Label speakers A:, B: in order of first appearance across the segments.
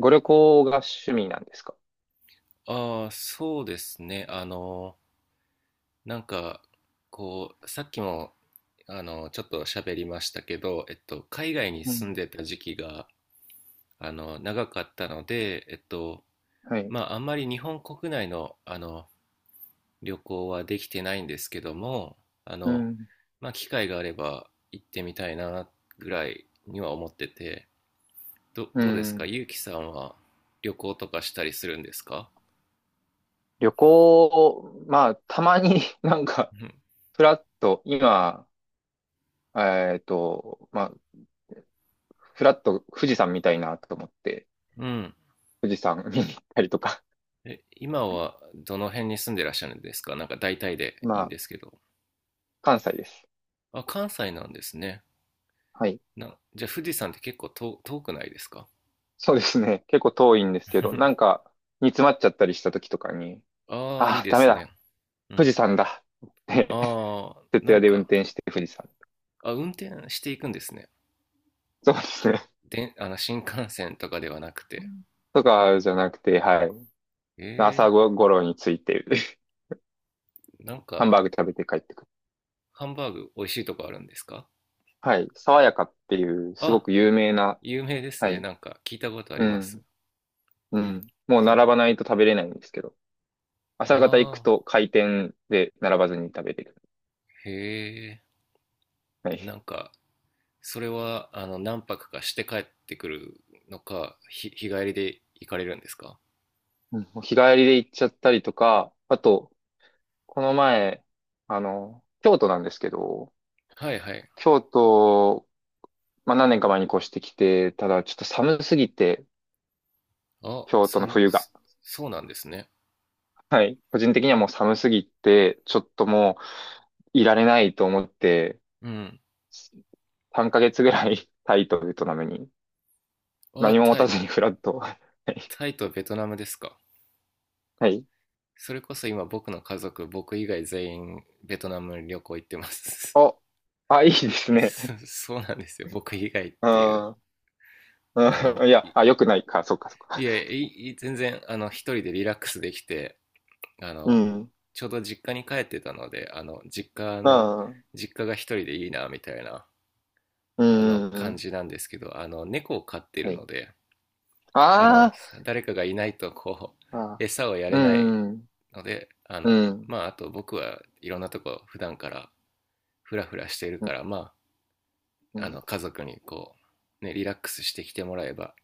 A: ご旅行が趣味なんですか？
B: ああ、そうですね。なんか、さっきも、ちょっと喋りましたけど、海外に
A: う
B: 住ん
A: ん。
B: でた時期が、長かったので、
A: はい。
B: まあ、あんまり日本国内の、旅行はできてないんですけども、あ
A: う
B: の、
A: ん。
B: まあ、機会があれば行ってみたいな、ぐらいには思ってて、ど、
A: う
B: どうですか
A: ん。
B: ゆうきさんは旅行とかしたりするんですか？
A: 旅行、まあ、たまに なんか、
B: うん。
A: フラッと、今、まあ、フラッと富士山見たいなと思って、
B: うん。
A: 富士山見に行ったりとか。
B: え、今はどの辺に住んでらっしゃるんですか？なんか大体 でいい
A: ま
B: んです
A: あ、
B: けど。
A: 関西です。
B: あ、関西なんですね。
A: はい。
B: じゃあ富士山って結構遠くないですか？
A: そうですね。結構遠いんですけど、なん か、煮詰まっちゃったりした時とかに、
B: ああ、いい
A: ああ、
B: で
A: ダメ
B: すね。
A: だ。
B: う
A: 富
B: ん。
A: 士山だ。って、
B: ああ、
A: 徹夜で運転して富士山。
B: あ、運転していくんですね。
A: そうですね。
B: で、新幹線とかではなくて。
A: とかじゃなくて、はい。
B: え
A: 朝ごろに着いて、
B: え、
A: ハンバーグ食べて帰ってくる。
B: ハンバーグ美味しいとこあるんですか？
A: はい。爽やかっていう、すご
B: あ、
A: く有名な、
B: 有名です
A: は
B: ね。
A: い。
B: なんか聞いたことあ
A: う
B: ります。
A: ん。うん。もう
B: それ、
A: 並ばないと食べれないんですけど、朝方行く
B: ああ、
A: と開店で並ばずに食べれる。
B: へえ。
A: は
B: な
A: い。
B: んか、それは何泊かして帰ってくるのか、日帰りで行かれるんですか？
A: うん、もう日帰りで行っちゃったりとか、あと、この前、あの、京都なんですけど、
B: はいはい。
A: 京都、まあ、何年か前に越してきて、ただちょっと寒すぎて、
B: あ、
A: 京都の冬が。
B: そうなんですね。
A: はい。個人的にはもう寒すぎて、ちょっともういられないと思って、
B: うん。
A: 3ヶ月ぐらい タイとベトナムに
B: あ、
A: 何も持たずにフラット。はい。
B: タイとベトナムですか。
A: はい。
B: それこそ今僕の家族、僕以外全員ベトナム旅行行ってます。
A: あ、あ、いいです ね。
B: そうなんですよ。僕以外っ
A: う
B: ていう。
A: ん。う
B: あの、
A: ん、いや、
B: い、
A: あ、良くないか。そっかそっ
B: い
A: か。
B: や、全然、一人でリラックスできて、あ
A: う
B: の
A: ん。
B: ちょうど実家に帰ってたので、
A: うん。
B: 実家が一人でいいなみたいな、
A: う
B: あの
A: ん。う
B: 感
A: ん、
B: じなんですけど、猫を飼って
A: は
B: る
A: い。
B: ので、あの
A: あ
B: 誰かがいないと、
A: ーあ。
B: 餌をや
A: う
B: れない
A: ん。
B: ので、
A: うん。
B: まああと僕はいろんなとこ普段からフラフラしている
A: うん。
B: から、ま
A: う
B: あ
A: ん。
B: 家族にね、リラックスしてきてもらえば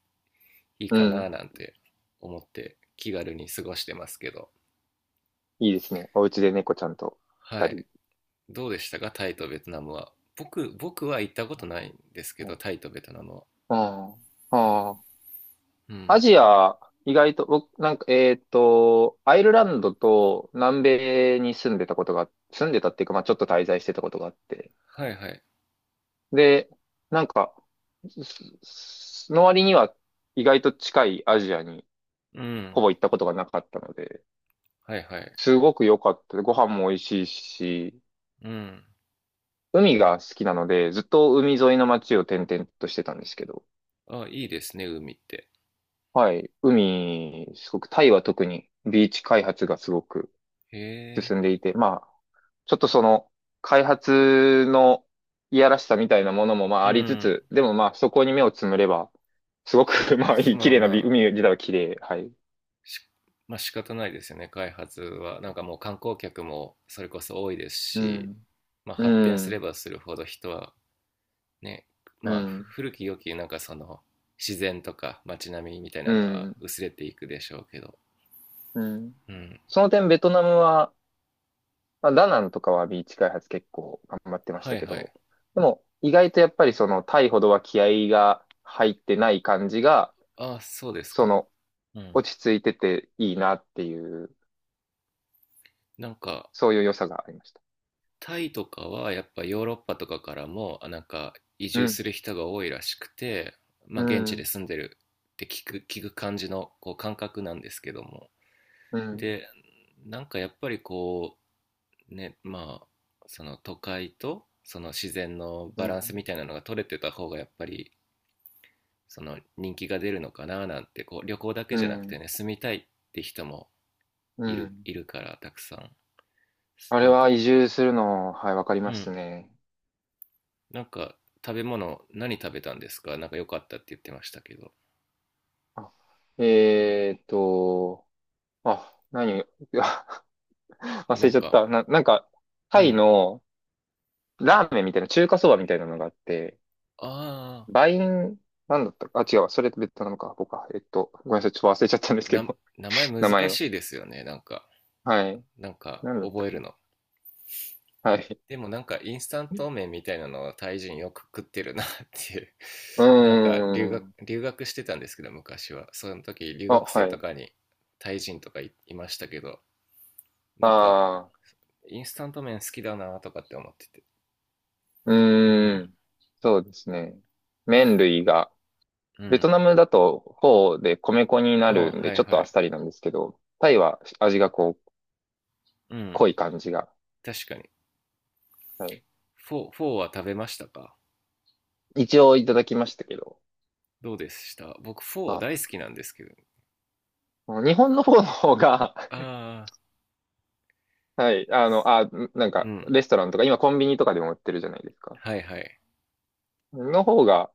B: いい
A: う
B: かな
A: ん、
B: なんて思って気軽に過ごしてますけど。
A: いいですね。お家で猫ちゃんと
B: は
A: 二
B: い。
A: 人。
B: どうでしたかタイとベトナムは？僕は行ったことないんですけ
A: は
B: ど、
A: い。
B: タイとベトナムは。
A: ああ。ああ。
B: う
A: ア
B: ん。
A: ジア、意外と、僕、なんか、アイルランドと南米に住んでたことが、住んでたっていうか、まあちょっと滞在してたことがあって。
B: はいはい。
A: で、なんか、すすの割には意外と近いアジアに
B: うん。
A: ほぼ行ったことがなかったので、
B: はいはい。
A: すごく良かった。ご飯も美味しいし、
B: うん。
A: 海が好きなので、ずっと海沿いの街を転々としてたんですけど、
B: あ、いいですね、海って。
A: はい、海、すごく、タイは特にビーチ開発がすごく、
B: へえ。
A: 進んでいて、まあ、ちょっとその、開発のいやらしさみたいなものもまあ
B: う
A: ありつ
B: ん。
A: つ、でもまあそこに目をつむれば、すごく まあいい、
B: ま
A: 綺
B: あ
A: 麗な
B: まあ、
A: 海自体は綺麗。はい。
B: しまあ仕方ないですよね、開発は。なんかもう観光客もそれこそ多いです
A: う
B: し、
A: ん。
B: まあ
A: う
B: 発展すれ
A: ん。
B: ばするほど人はね、
A: う
B: まあ
A: ん。
B: 古き良き、その自然とか街並みみたいな
A: う
B: のは
A: ん。
B: 薄れていくでしょうけど。
A: うん。
B: うん。
A: その点ベトナムは、まあ、ダナンとかはビーチ開発結構頑張ってまし
B: は
A: た
B: い
A: け
B: はい。
A: ど、でも意外とやっぱりそのタイほどは気合が入ってない感じが、
B: ああ、そうです
A: そ
B: か。
A: の
B: うん。
A: 落ち着いてていいなっていう、
B: なんか、
A: そういう良さがありました。
B: タイとかはやっぱヨーロッパとかからも、移
A: う
B: 住
A: ん、
B: する人が多いらしくて、まあ
A: う
B: 現地で
A: ん、
B: 住んでるって聞く感じの感覚なんですけども。
A: うん、
B: で、やっぱりね、まあ、その都会とその自然の
A: う
B: バランスみ
A: ん、
B: たいなのが取れてた方がやっぱりその人気が出るのかななんて旅行だ
A: う
B: けじゃなくて
A: ん、
B: ね、住みたいって人も
A: うん。
B: いるからたくさん。
A: あれ
B: なん
A: は
B: か
A: 移住するの、はい、わかり
B: う
A: ます
B: ん。
A: ね。
B: なんか食べ物何食べたんですか？なんか良かったって言ってましたけど。
A: あ、えーっと、あ、何、あ 忘
B: なん
A: れちゃっ
B: か、
A: た。なんか、
B: う
A: タイ
B: ん。
A: のラーメンみたいな、中華そばみたいなのがあって、
B: ああ、
A: バイン、なんだったか、あ、違うわ、それって別なのか、僕か。ごめんなさい、ちょっと忘れちゃったんですけ
B: な、
A: ど、
B: 名前 難
A: 名前
B: し
A: を。
B: いですよね。
A: はい。
B: なんか
A: なんだった
B: 覚え
A: か
B: るの。
A: な、はい。
B: でもインスタント麺みたいなのをタイ人よく食ってるなっていう
A: うーん。
B: 留学してたんですけど昔は。その時留
A: あ、
B: 学生
A: は
B: と
A: い。
B: かにタイ人とかいいましたけど、なんか
A: ああ。
B: インスタント麺好きだなとかって思ってて。
A: う
B: う
A: ー
B: ん。
A: ん。そうですね。麺類が、
B: う
A: ベト
B: ん。
A: ナムだとフォーで米粉に
B: あ
A: な
B: あ、
A: るんで、
B: はい
A: ちょっと
B: は
A: あっ
B: い。
A: さりなんですけど、タイは味がこう、
B: うん。
A: 濃い感じが。
B: 確かに。
A: はい。
B: フォーは食べましたか？
A: 一応いただきましたけど、
B: どうでした？僕、フォー大好
A: ま
B: きなんですけど。
A: あ、日本のフォーの方が、
B: ああ、
A: はい、あの、あ、なん
B: う
A: か、
B: ん。
A: レストランとか、今コンビニとかでも売ってるじゃないですか。
B: はいはい。
A: の方が、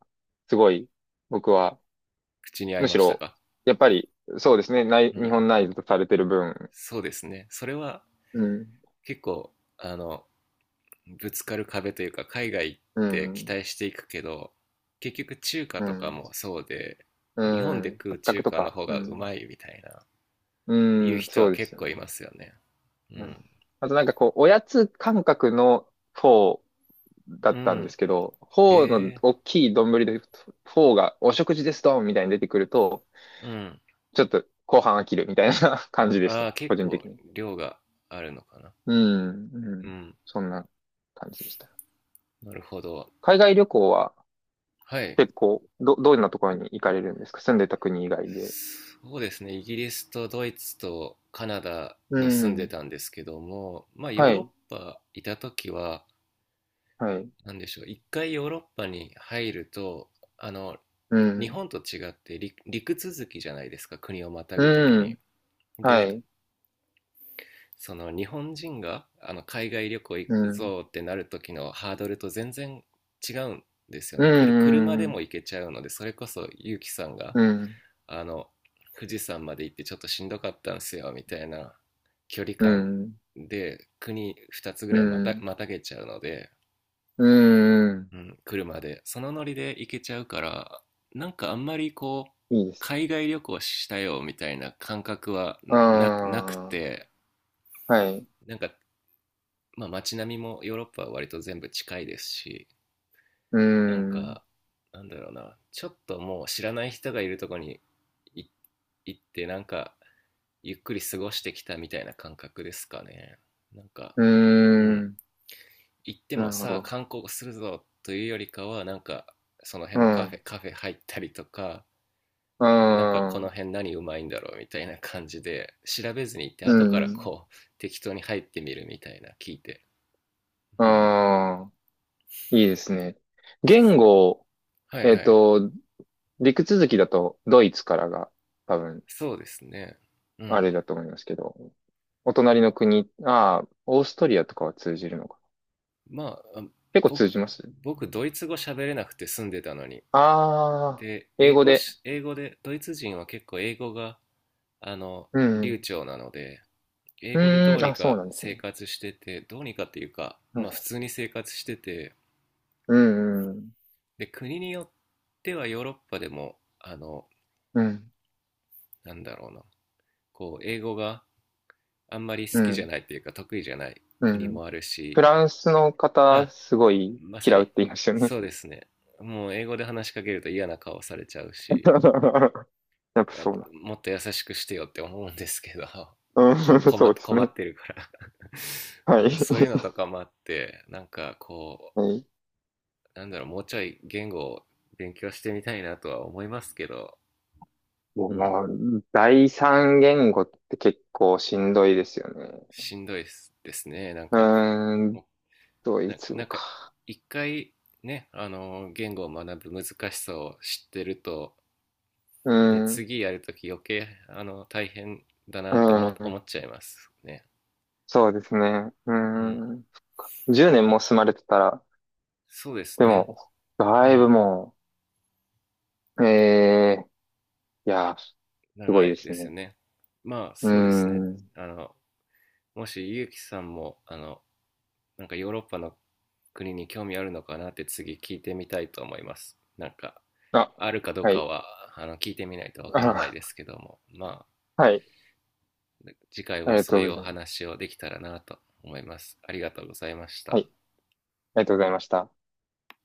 A: すごい、僕は、
B: 口に合い
A: む
B: ま
A: し
B: した
A: ろ、
B: か？
A: やっぱり、そうですね、ない、
B: う
A: 日
B: ん。
A: 本内ズとされてる分、
B: そうですね。それは
A: うん、
B: 結構、ぶつかる壁というか、海外行っ
A: う
B: て期
A: ん、
B: 待していくけど、結局中華
A: う
B: とか
A: ん。
B: もそうで、
A: う
B: 日本で
A: ん。
B: 食う
A: 圧迫
B: 中
A: と
B: 華の
A: か。
B: 方
A: う
B: がう
A: ん。
B: まいみたいな、
A: う
B: いう
A: ん、
B: 人
A: そ
B: は
A: うです
B: 結
A: よ
B: 構
A: ね。
B: いますよね。う
A: うん。
B: ん。
A: あとなんかこう、おやつ感覚のフォーだ
B: う
A: ったんで
B: ん。
A: すけど、フォー
B: へ
A: の
B: え。
A: 大きい丼で、フォーがお食事ですドンみたいに出てくると、
B: うん。
A: ちょっと後半飽きるみたいな 感じでした。
B: ああ、
A: 個
B: 結
A: 人
B: 構
A: 的に。
B: 量があるのかな。
A: うん、う
B: う
A: ん。
B: ん。
A: そんな感じでした。
B: なるほど。
A: 海外旅行は
B: はい。
A: 結構、どんなところに行かれるんですか？住んでた国以外で。
B: そうですね。イギリスとドイツとカナダ
A: う
B: に住んで
A: ん。
B: たんですけども、まあヨ
A: は
B: ー
A: い、
B: ロッパいた時は、
A: はい。
B: なんでしょう、一回ヨーロッパに入ると、あの、
A: う
B: 日
A: ん。
B: 本と違って陸続きじゃないですか。国をまたぐ時
A: う
B: に。
A: ん。は
B: で、
A: い。
B: その日本人が海外旅行行
A: う
B: く
A: ん。
B: ぞってなる時のハードルと全然違うんですよ
A: う
B: ね。車
A: ん、う
B: でも
A: ん、
B: 行けちゃうので、それこそ結城さんが
A: うん、
B: あの富士山まで行ってちょっとしんどかったんですよみたいな距離
A: う
B: 感
A: ん、
B: で、国2つぐ
A: う
B: らい
A: ん、
B: またげちゃうので、
A: うん、
B: うん、車でそのノリで行けちゃうから、あんまり
A: いいです。
B: 海外旅行したよみたいな感覚はなく
A: あ
B: て、
A: あ、はい。
B: なんか、まあ、街並みもヨーロッパは割と全部近いですし、
A: う
B: なん
A: ん、
B: か、なんだろうな、ちょっともう知らない人がいるとこにい行って、ゆっくり過ごしてきたみたいな感覚ですかね。なんか、
A: う
B: うん、
A: ん、
B: 行って
A: な
B: も
A: るほ
B: さあ
A: ど。
B: 観光するぞというよりかは、その辺
A: う
B: の
A: ん、
B: カフェ入ったりとか、こ
A: あ
B: の
A: あ、
B: 辺何うまいんだろうみたいな感じで、調べずに行って、
A: う
B: 後から
A: ん、
B: 適当に入ってみるみたいな、聞いて。うん。
A: ああ、いいですね。言語、
B: はい
A: えっ
B: はい。
A: と、陸続きだとドイツからが多分、
B: そうですね。う
A: あ
B: ん。
A: れだと思いますけど、お隣の国、ああ、オーストリアとかは通じるのか。
B: まあ、
A: 結構通
B: 僕、
A: じます。
B: 僕、ドイツ語喋れなくて住んでたのに。
A: ああ
B: で、
A: ー、英語で。
B: 英語で、ドイツ人は結構英語が、
A: う
B: 流
A: ん。
B: 暢なので、英
A: う
B: 語でど
A: ー
B: う
A: ん、
B: に
A: あ、そう
B: か
A: なんです
B: 生
A: ね。
B: 活してて、どうにかっていうか、
A: う
B: ま
A: ん、
B: あ普通に生活してて、
A: うん、
B: で、国によってはヨーロッパでも、
A: うん、うん、
B: なんだろうな、英語があんまり好
A: う
B: きじゃ
A: ん。
B: ないっていうか、得意じゃない
A: う
B: 国
A: ん、
B: もある
A: フ
B: し、
A: ランスの方、
B: あ、
A: すごい
B: まさ
A: 嫌うっ
B: に、
A: て言いましたよね。
B: そうですね。もう英語で話しかけると嫌な顔されちゃうし、
A: やっぱそうな。
B: もっと優しくしてよって思うんですけど、
A: うん、
B: こ、困
A: そ
B: っ、
A: うです
B: 困っ
A: ね。
B: てるから う
A: はい。
B: ん、そういうのと かもあって、
A: はい。
B: なんだろう、もうちょい言語を勉強してみたいなとは思いますけど、
A: もう
B: うん、
A: な、第三言語って結構しんどいですよね。
B: しんどいですね。なん
A: う
B: か、
A: ーん、
B: も
A: ド
B: う、
A: イ
B: な、
A: ツ
B: な
A: 語
B: んか、
A: か。
B: 一回ね、言語を学ぶ難しさを知ってると、
A: う
B: ね、
A: ーん、
B: 次やるとき余計、大変だ
A: う
B: なって
A: ー
B: 思
A: ん、
B: っちゃいますね。
A: そうですね。う
B: うん、
A: ーん。10年も住まれてたら、
B: そうです
A: で
B: ね。
A: も、
B: う
A: だいぶ
B: ん。
A: もう、ええいや、すご
B: 長
A: いで
B: い
A: す
B: です
A: ね。
B: よね。まあ
A: うー
B: そうですね。
A: ん。
B: あの、もしゆうきさんも、ヨーロッパの国に興味あるのかなって次聞いてみたいと思います。
A: あ、
B: あるかどう
A: は
B: か
A: い。
B: は、聞いてみないとわからないで
A: あ、
B: すけども、まあ、
A: はい。
B: 次回
A: あり
B: は
A: が
B: そ
A: と
B: う
A: う
B: い
A: ご
B: うお
A: ざいます。
B: 話をできたらなと思います。ありがとうございまし
A: は
B: た。
A: い。ありがとうございました。